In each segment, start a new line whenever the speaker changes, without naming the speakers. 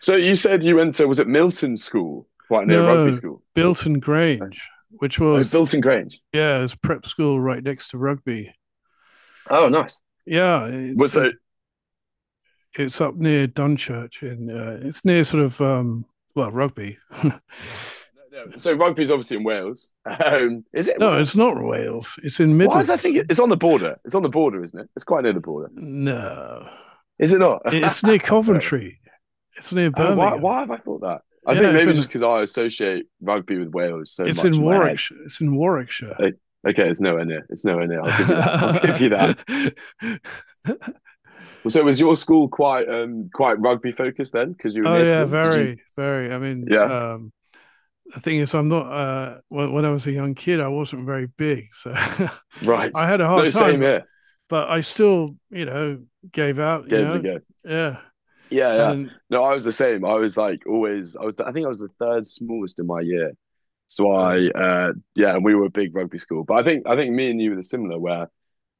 So you said you went to, was it Milton School, quite near Rugby
No,
School?
Bilton Grange, which
Oh,
was
Bilton Grange.
yeah, it's prep school right next to Rugby.
Oh, nice.
Yeah,
Well,
it's
so, yeah,
it's it's up near Dunchurch and it's near sort of well Rugby.
no, no. So rugby's obviously in Wales. Is it in
No, it's
Wales?
not Wales. It's in
Why does I
Midlands.
think it's on the border? It's on the border, isn't it? It's quite near the border.
No,
Is it not?
it's near
Fair enough.
Coventry. It's near
Oh, why,
Birmingham.
why have I thought that? I
Yeah,
think
it's
maybe just
in
because I associate rugby with Wales so
it's
much
in
in my head.
Warwickshire. It's in Warwickshire.
Like, okay, it's nowhere near. It's nowhere near. I'll give you that. I'll give you that.
Oh
So was your school quite rugby focused then? Because you were near to
yeah,
them. Did you?
very, very. I mean,
Yeah.
the thing is, I'm not. When I was a young kid, I wasn't very big, so
Right.
I had a hard
No,
time.
same
But
here.
but I still, you know, gave out. You
Gave it a
know,
go.
yeah,
Yeah, yeah.
and
No, I was the same. I was like always. I was. I think I was the third smallest in my year. So
uh,
I, yeah, and we were a big rugby school. But I think me and you were similar, where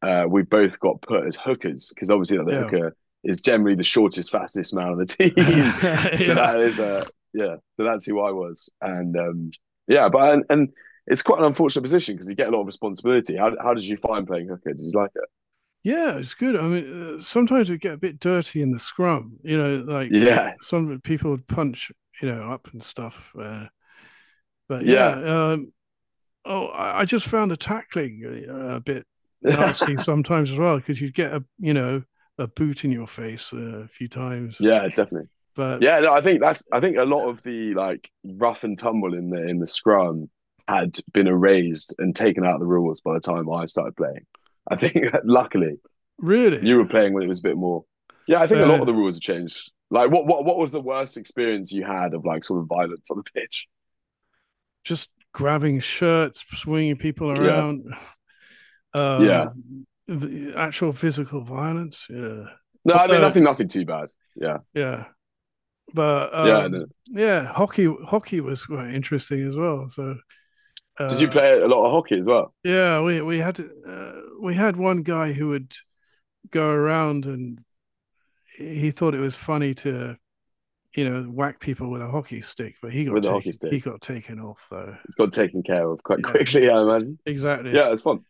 we both got put as hookers because obviously like, the
yeah,
hooker is generally the shortest, fastest man on the team. So
yeah,
that is, yeah. So that's who I was, and yeah. But and it's quite an unfortunate position because you get a lot of responsibility. How did you find playing hooker? Did you like it?
yeah. It's good. I mean, sometimes it get a bit dirty in the scrum. You know, like
Yeah,
some people would punch, you know, up and stuff. But
yeah.
yeah, oh, I just found the tackling a bit nasty sometimes as well because you'd get a you know a boot in your face a few times,
Yeah, definitely.
but
Yeah, no, I think that's I think a lot of the like rough and tumble in the scrum had been erased and taken out of the rules by the time I started playing. I think luckily
really,
you were playing when it was a bit more. Yeah, I think a lot
uh,
of the rules have changed. Like what was the worst experience you had of like sort of violence on the pitch?
just grabbing shirts, swinging people
Yeah.
around,
Yeah.
the actual physical violence. Yeah,
No, I mean
although
nothing too bad. Yeah.
yeah, but
Yeah. No.
yeah, hockey was quite interesting as well. So
Did you
uh,
play a lot of hockey as well
yeah, we had we had one guy who would go around and he thought it was funny to you know whack people with a hockey stick, but he got
with the hockey
taken he
stick?
got taken off though.
It's got taken care of quite
Yeah, he-
quickly, I imagine.
exactly.
Yeah, it's fun.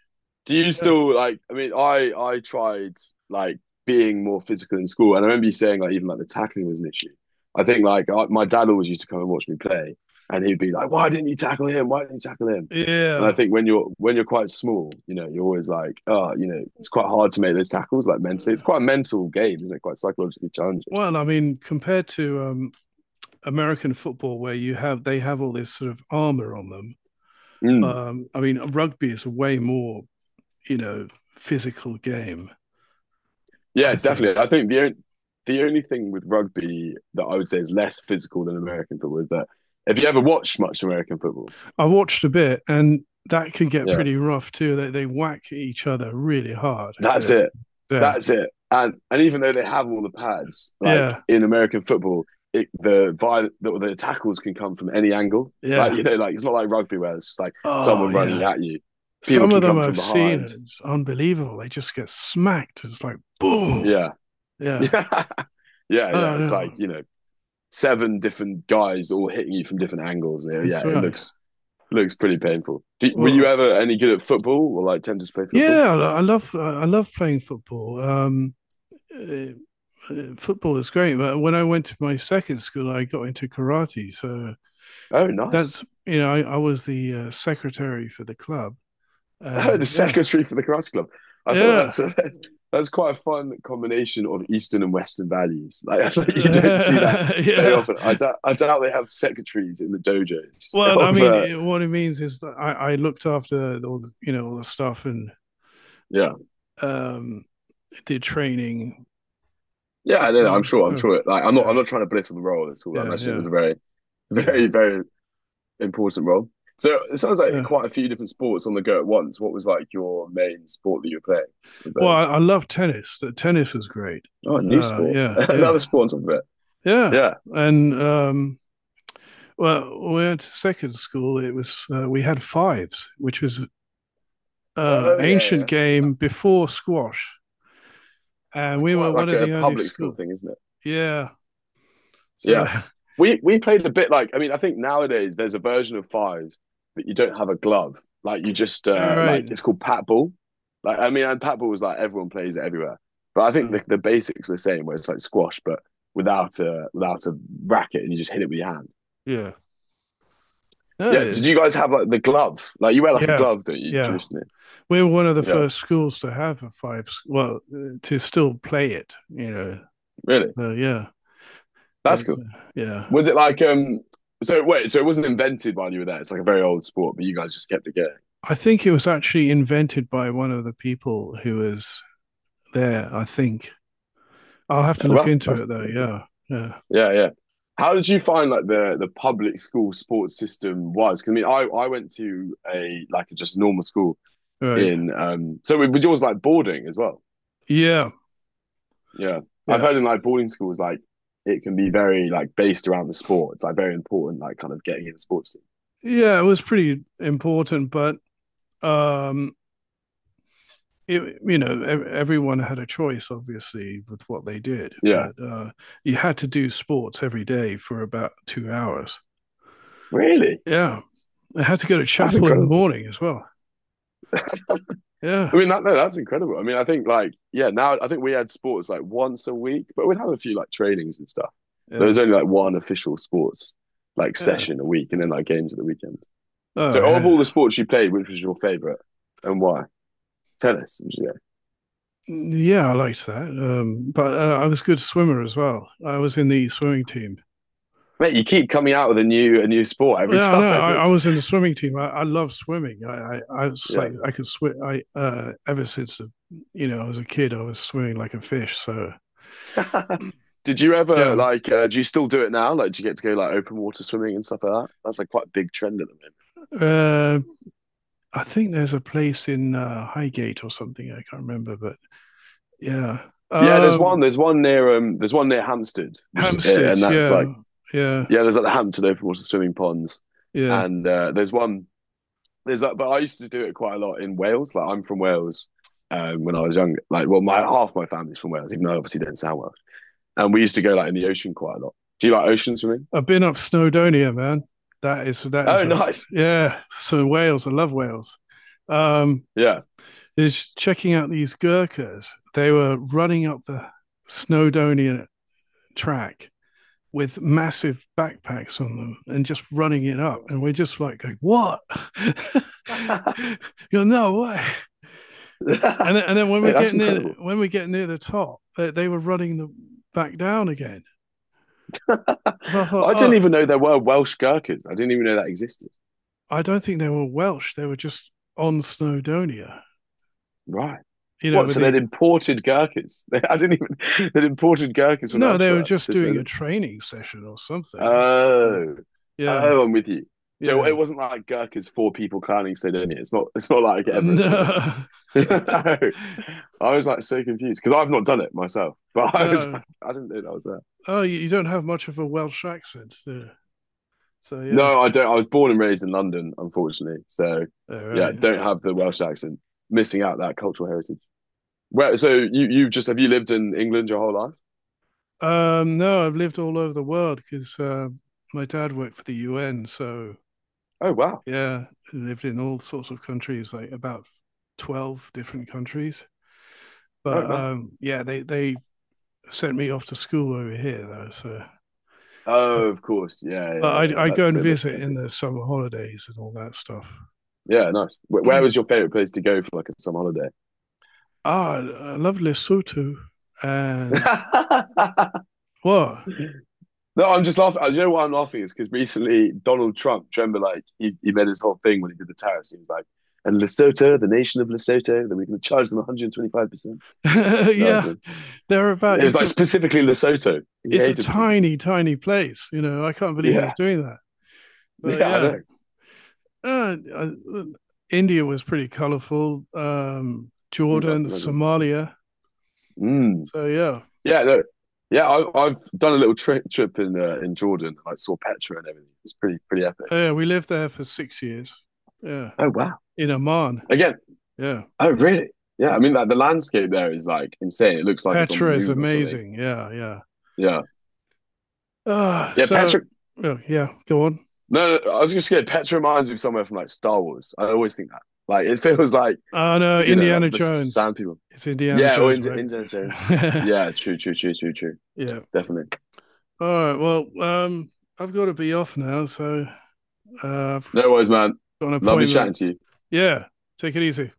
Do you
Yeah,
still like? I mean, I tried like being more physical in school, and I remember you saying like even like the tackling was an issue. I think like my dad always used to come and watch me play, and he'd be like, "Why didn't you tackle him? Why didn't you tackle him?" And I
yeah.
think when you're quite small, you know, you're always like, "Oh, you know, it's quite hard to make those tackles." Like mentally,
Uh,
it's quite a mental game, isn't it? Quite psychologically challenging.
well, I mean, compared to American football, where you have they have all this sort of armor on them.
Mm.
I mean, rugby is a way more you know physical game.
Yeah,
I think
definitely. I think the only thing with rugby that I would say is less physical than American football is that if you ever watched much American football,
I watched a bit, and that can get
yeah,
pretty rough too. They whack each other really hard.
that's
It's-
it.
yeah,
That's it. And even though they have all the pads, like
yeah,
in American football, it, the viol the tackles can come from any angle. Like
yeah.
you know, like it's not like rugby where it's just like
Oh
someone running
yeah.
at you. People
Some of
can
them
come from
I've seen
behind.
it's unbelievable. They just get smacked. It's like boom.
Yeah,
Yeah.
yeah, yeah, yeah.
Oh
It's like
no,
you know, seven different guys all hitting you from different angles. Yeah, yeah,
that's
it
right.
looks Looks pretty painful. Were you
Well,
ever any good at football or like tempted to play football?
yeah, I love playing football. Uh, football is great, but when I went to my second school, I got into karate. So
Oh, nice.
that's you know I was the secretary for the club,
Oh,
and
the
yeah,
secretary for the karate club. I feel like
yeah,
that's quite a fun combination of Eastern and Western values. Like I feel like you don't see that very
yeah.
often. I doubt they have secretaries in the dojos
Well, I
of
mean, it, what it means is that I looked after all the, you know, all the stuff and
yeah
um, did training.
yeah. I don't
You
know. I'm
know,
sure. I'm
so
sure. Like I'm not.
yeah,
I'm not trying to belittle the role at all. I
yeah,
imagine it
yeah,
was a very
yeah,
very very important role. So it sounds like
yeah.
quite a few different sports on the go at once. What was like your main sport that you were
Well,
playing?
I love tennis. The tennis was great.
Oh, a new sport.
Yeah,
Another
yeah,
sport on top of it.
yeah.
Yeah.
And well, when we went to second school. It was we had fives, which was
Oh yeah,
ancient
yeah. That,
game before squash, and
that
we were
quite
one
like
of
a
the only
public school
school.
thing, isn't it?
Yeah. So
Yeah. We played a bit like I mean, I think nowadays there's a version of fives that you don't have a glove. Like you just
all
like
right.
it's called pat ball. Like I mean and pat ball is like everyone plays it everywhere. But I
Uh,
think the basics are the same where it's like squash but without a racket and you just hit it with your hand.
yeah.
Yeah.
No,
Did you guys have like the glove? Like you wear like a
yeah,
glove, don't you,
yeah.
traditionally?
We were one of the
Yeah,
first schools to have a five, s- well, to still play it, you know.
really.
So yeah,
That's
it's
cool.
yeah.
Was it like? So wait, so it wasn't invented while you were there. It's like a very old sport, but you guys just kept it going.
I think it was actually invented by one of the people who was there, I think. I'll have to
Like,
look
well,
into
that's
it though. Yeah. Yeah.
yeah, yeah. How did you find like the public school sports system was? Because I mean, I went to a like just normal school
Right.
in. So it was yours like boarding as well.
Yeah.
Yeah, I've
Yeah.
heard in like boarding schools like it can be very like based around the sport. It's like very important, like kind of getting in the sports. Team.
Yeah, it was pretty important, but um it, you know, everyone had a choice, obviously, with what they did,
Yeah,
but you had to do sports every day for about 2 hours.
really,
Yeah, I had to go to
that's
chapel in the
incredible.
morning as well. Yeah,
I mean that no, that's incredible. I mean, I think like yeah, now I think we had sports like once a week, but we'd have a few like trainings and stuff. There
yeah,
was only like one official sports like
yeah.
session a week, and then like games at the weekend.
Oh, I
So of all the
had,
sports you played, which was your favorite and why? Tennis. Yeah.
yeah, I liked that. But I was a good swimmer as well. I was in the swimming team.
Mate, you keep coming out with a new sport every
Yeah, no,
time.
I
It's
was in the swimming team. I love swimming. I was
yeah.
like, I could swim. I ever since you know I was a kid, I was swimming like a fish. So
Did you ever
yeah,
like do you still do it now? Like do you get to go like open water swimming and stuff like that? That's like quite a big trend at the moment.
uh, I think there's a place in Highgate or something. I can't remember, but yeah.
Yeah, there's one
Um,
there's one near um there's one near Hampstead, which is, and
Hampstead.
that's like
Yeah, yeah,
Yeah, there's like the Hampton open water swimming ponds,
yeah.
and there's that. But I used to do it quite a lot in Wales. Like I'm from Wales when I was young. Like well, my half my family's from Wales, even though I obviously don't sound Welsh. And we used to go like in the ocean quite a lot. Do you like ocean swimming?
I've been up Snowdonia, man. That is
Oh,
a
nice.
yeah. So Wales, I love Wales. Um,
Yeah.
is checking out these Gurkhas. They were running up the Snowdonia track with
Really?
massive backpacks on them and just running it up.
Oh
And we're just like, going, what?
my god.
You are no way. And then, and then when we
Mate,
get
that's
near
incredible.
when we get near the top, they were running the back down again. So I thought,
I didn't
oh,
even know there were Welsh gherkins. I didn't even know that existed.
I don't think they were Welsh. They were just on Snowdonia.
Right.
You know,
What?
with
So they'd
the
imported gherkins. I didn't even. They'd imported gherkins from
no, they were
elsewhere.
just
So,
doing a
so
training session or something. Uh,
Oh,
yeah,
oh, I'm with you. So it
yeah.
wasn't like Gurkha's four people climbing Snowdonia. It's not. It's not like Everest or something.
No,
I was like so confused because I've not done it myself, but I was
no.
like, I didn't know that was there.
Oh, you don't have much of a Welsh accent. Yeah. So yeah,
No, I don't. I was born and raised in London, unfortunately. So
all
yeah,
right.
don't have the Welsh accent. Missing out that cultural heritage. Where so you just have you lived in England your whole life?
No, I've lived all over the world because my dad worked for the UN, so
Oh wow.
yeah, lived in all sorts of countries, like about 12 different countries.
Oh
But
man.
yeah, they sent me off to school over here, though. So,
Oh, of course. Yeah,
but
yeah, yeah.
I'd
That's
go and
the
visit in
classic.
the summer holidays and all that stuff.
Yeah, nice. Where was your favorite place to go for like a summer holiday?
Ah, I love Lesotho. And what?
No, I'm just laughing. You know why I'm laughing is because recently Donald Trump, do you remember, like he made his whole thing when he did the tariffs. He was like, and Lesotho, the nation of Lesotho, then we're going to charge them 125%. No,
Yeah, they're about,
it
you
was like
can,
specifically Lesotho. He
it's a
hated them.
tiny, tiny place. You know, I can't believe he's
Yeah.
doing that. But
Yeah, I
yeah,
know.
I- India was pretty colorful.
Mm, I
Jordan,
can imagine.
Somalia,
Mm.
so yeah,
Yeah, no. Yeah, I've done a little trip in Jordan. And I saw Petra and everything. It's pretty pretty epic.
yeah, we lived there for 6 years. Yeah,
Oh wow!
in Amman.
Again,
Yeah,
oh really? Yeah, I mean like the landscape there is like insane. It looks like it's on the
Petra is
moon or something.
amazing. Yeah, yeah.
Yeah.
Ah,
Yeah,
so
Patrick.
oh, yeah, go on.
No, no, I was just scared. Patrick reminds me of somewhere from like Star Wars. I always think that. Like it feels like,
Oh no,
you know, like
Indiana
the
Jones.
sound people.
It's Indiana
Yeah, or
Jones,
into
right?
Indiana Jones. Yeah, true, true, true, true, true.
Yeah.
Definitely.
All right. Well, I've got to be off now, so I've
No worries, man.
got an
Lovely chatting
appointment.
to you.
Yeah. Take it easy.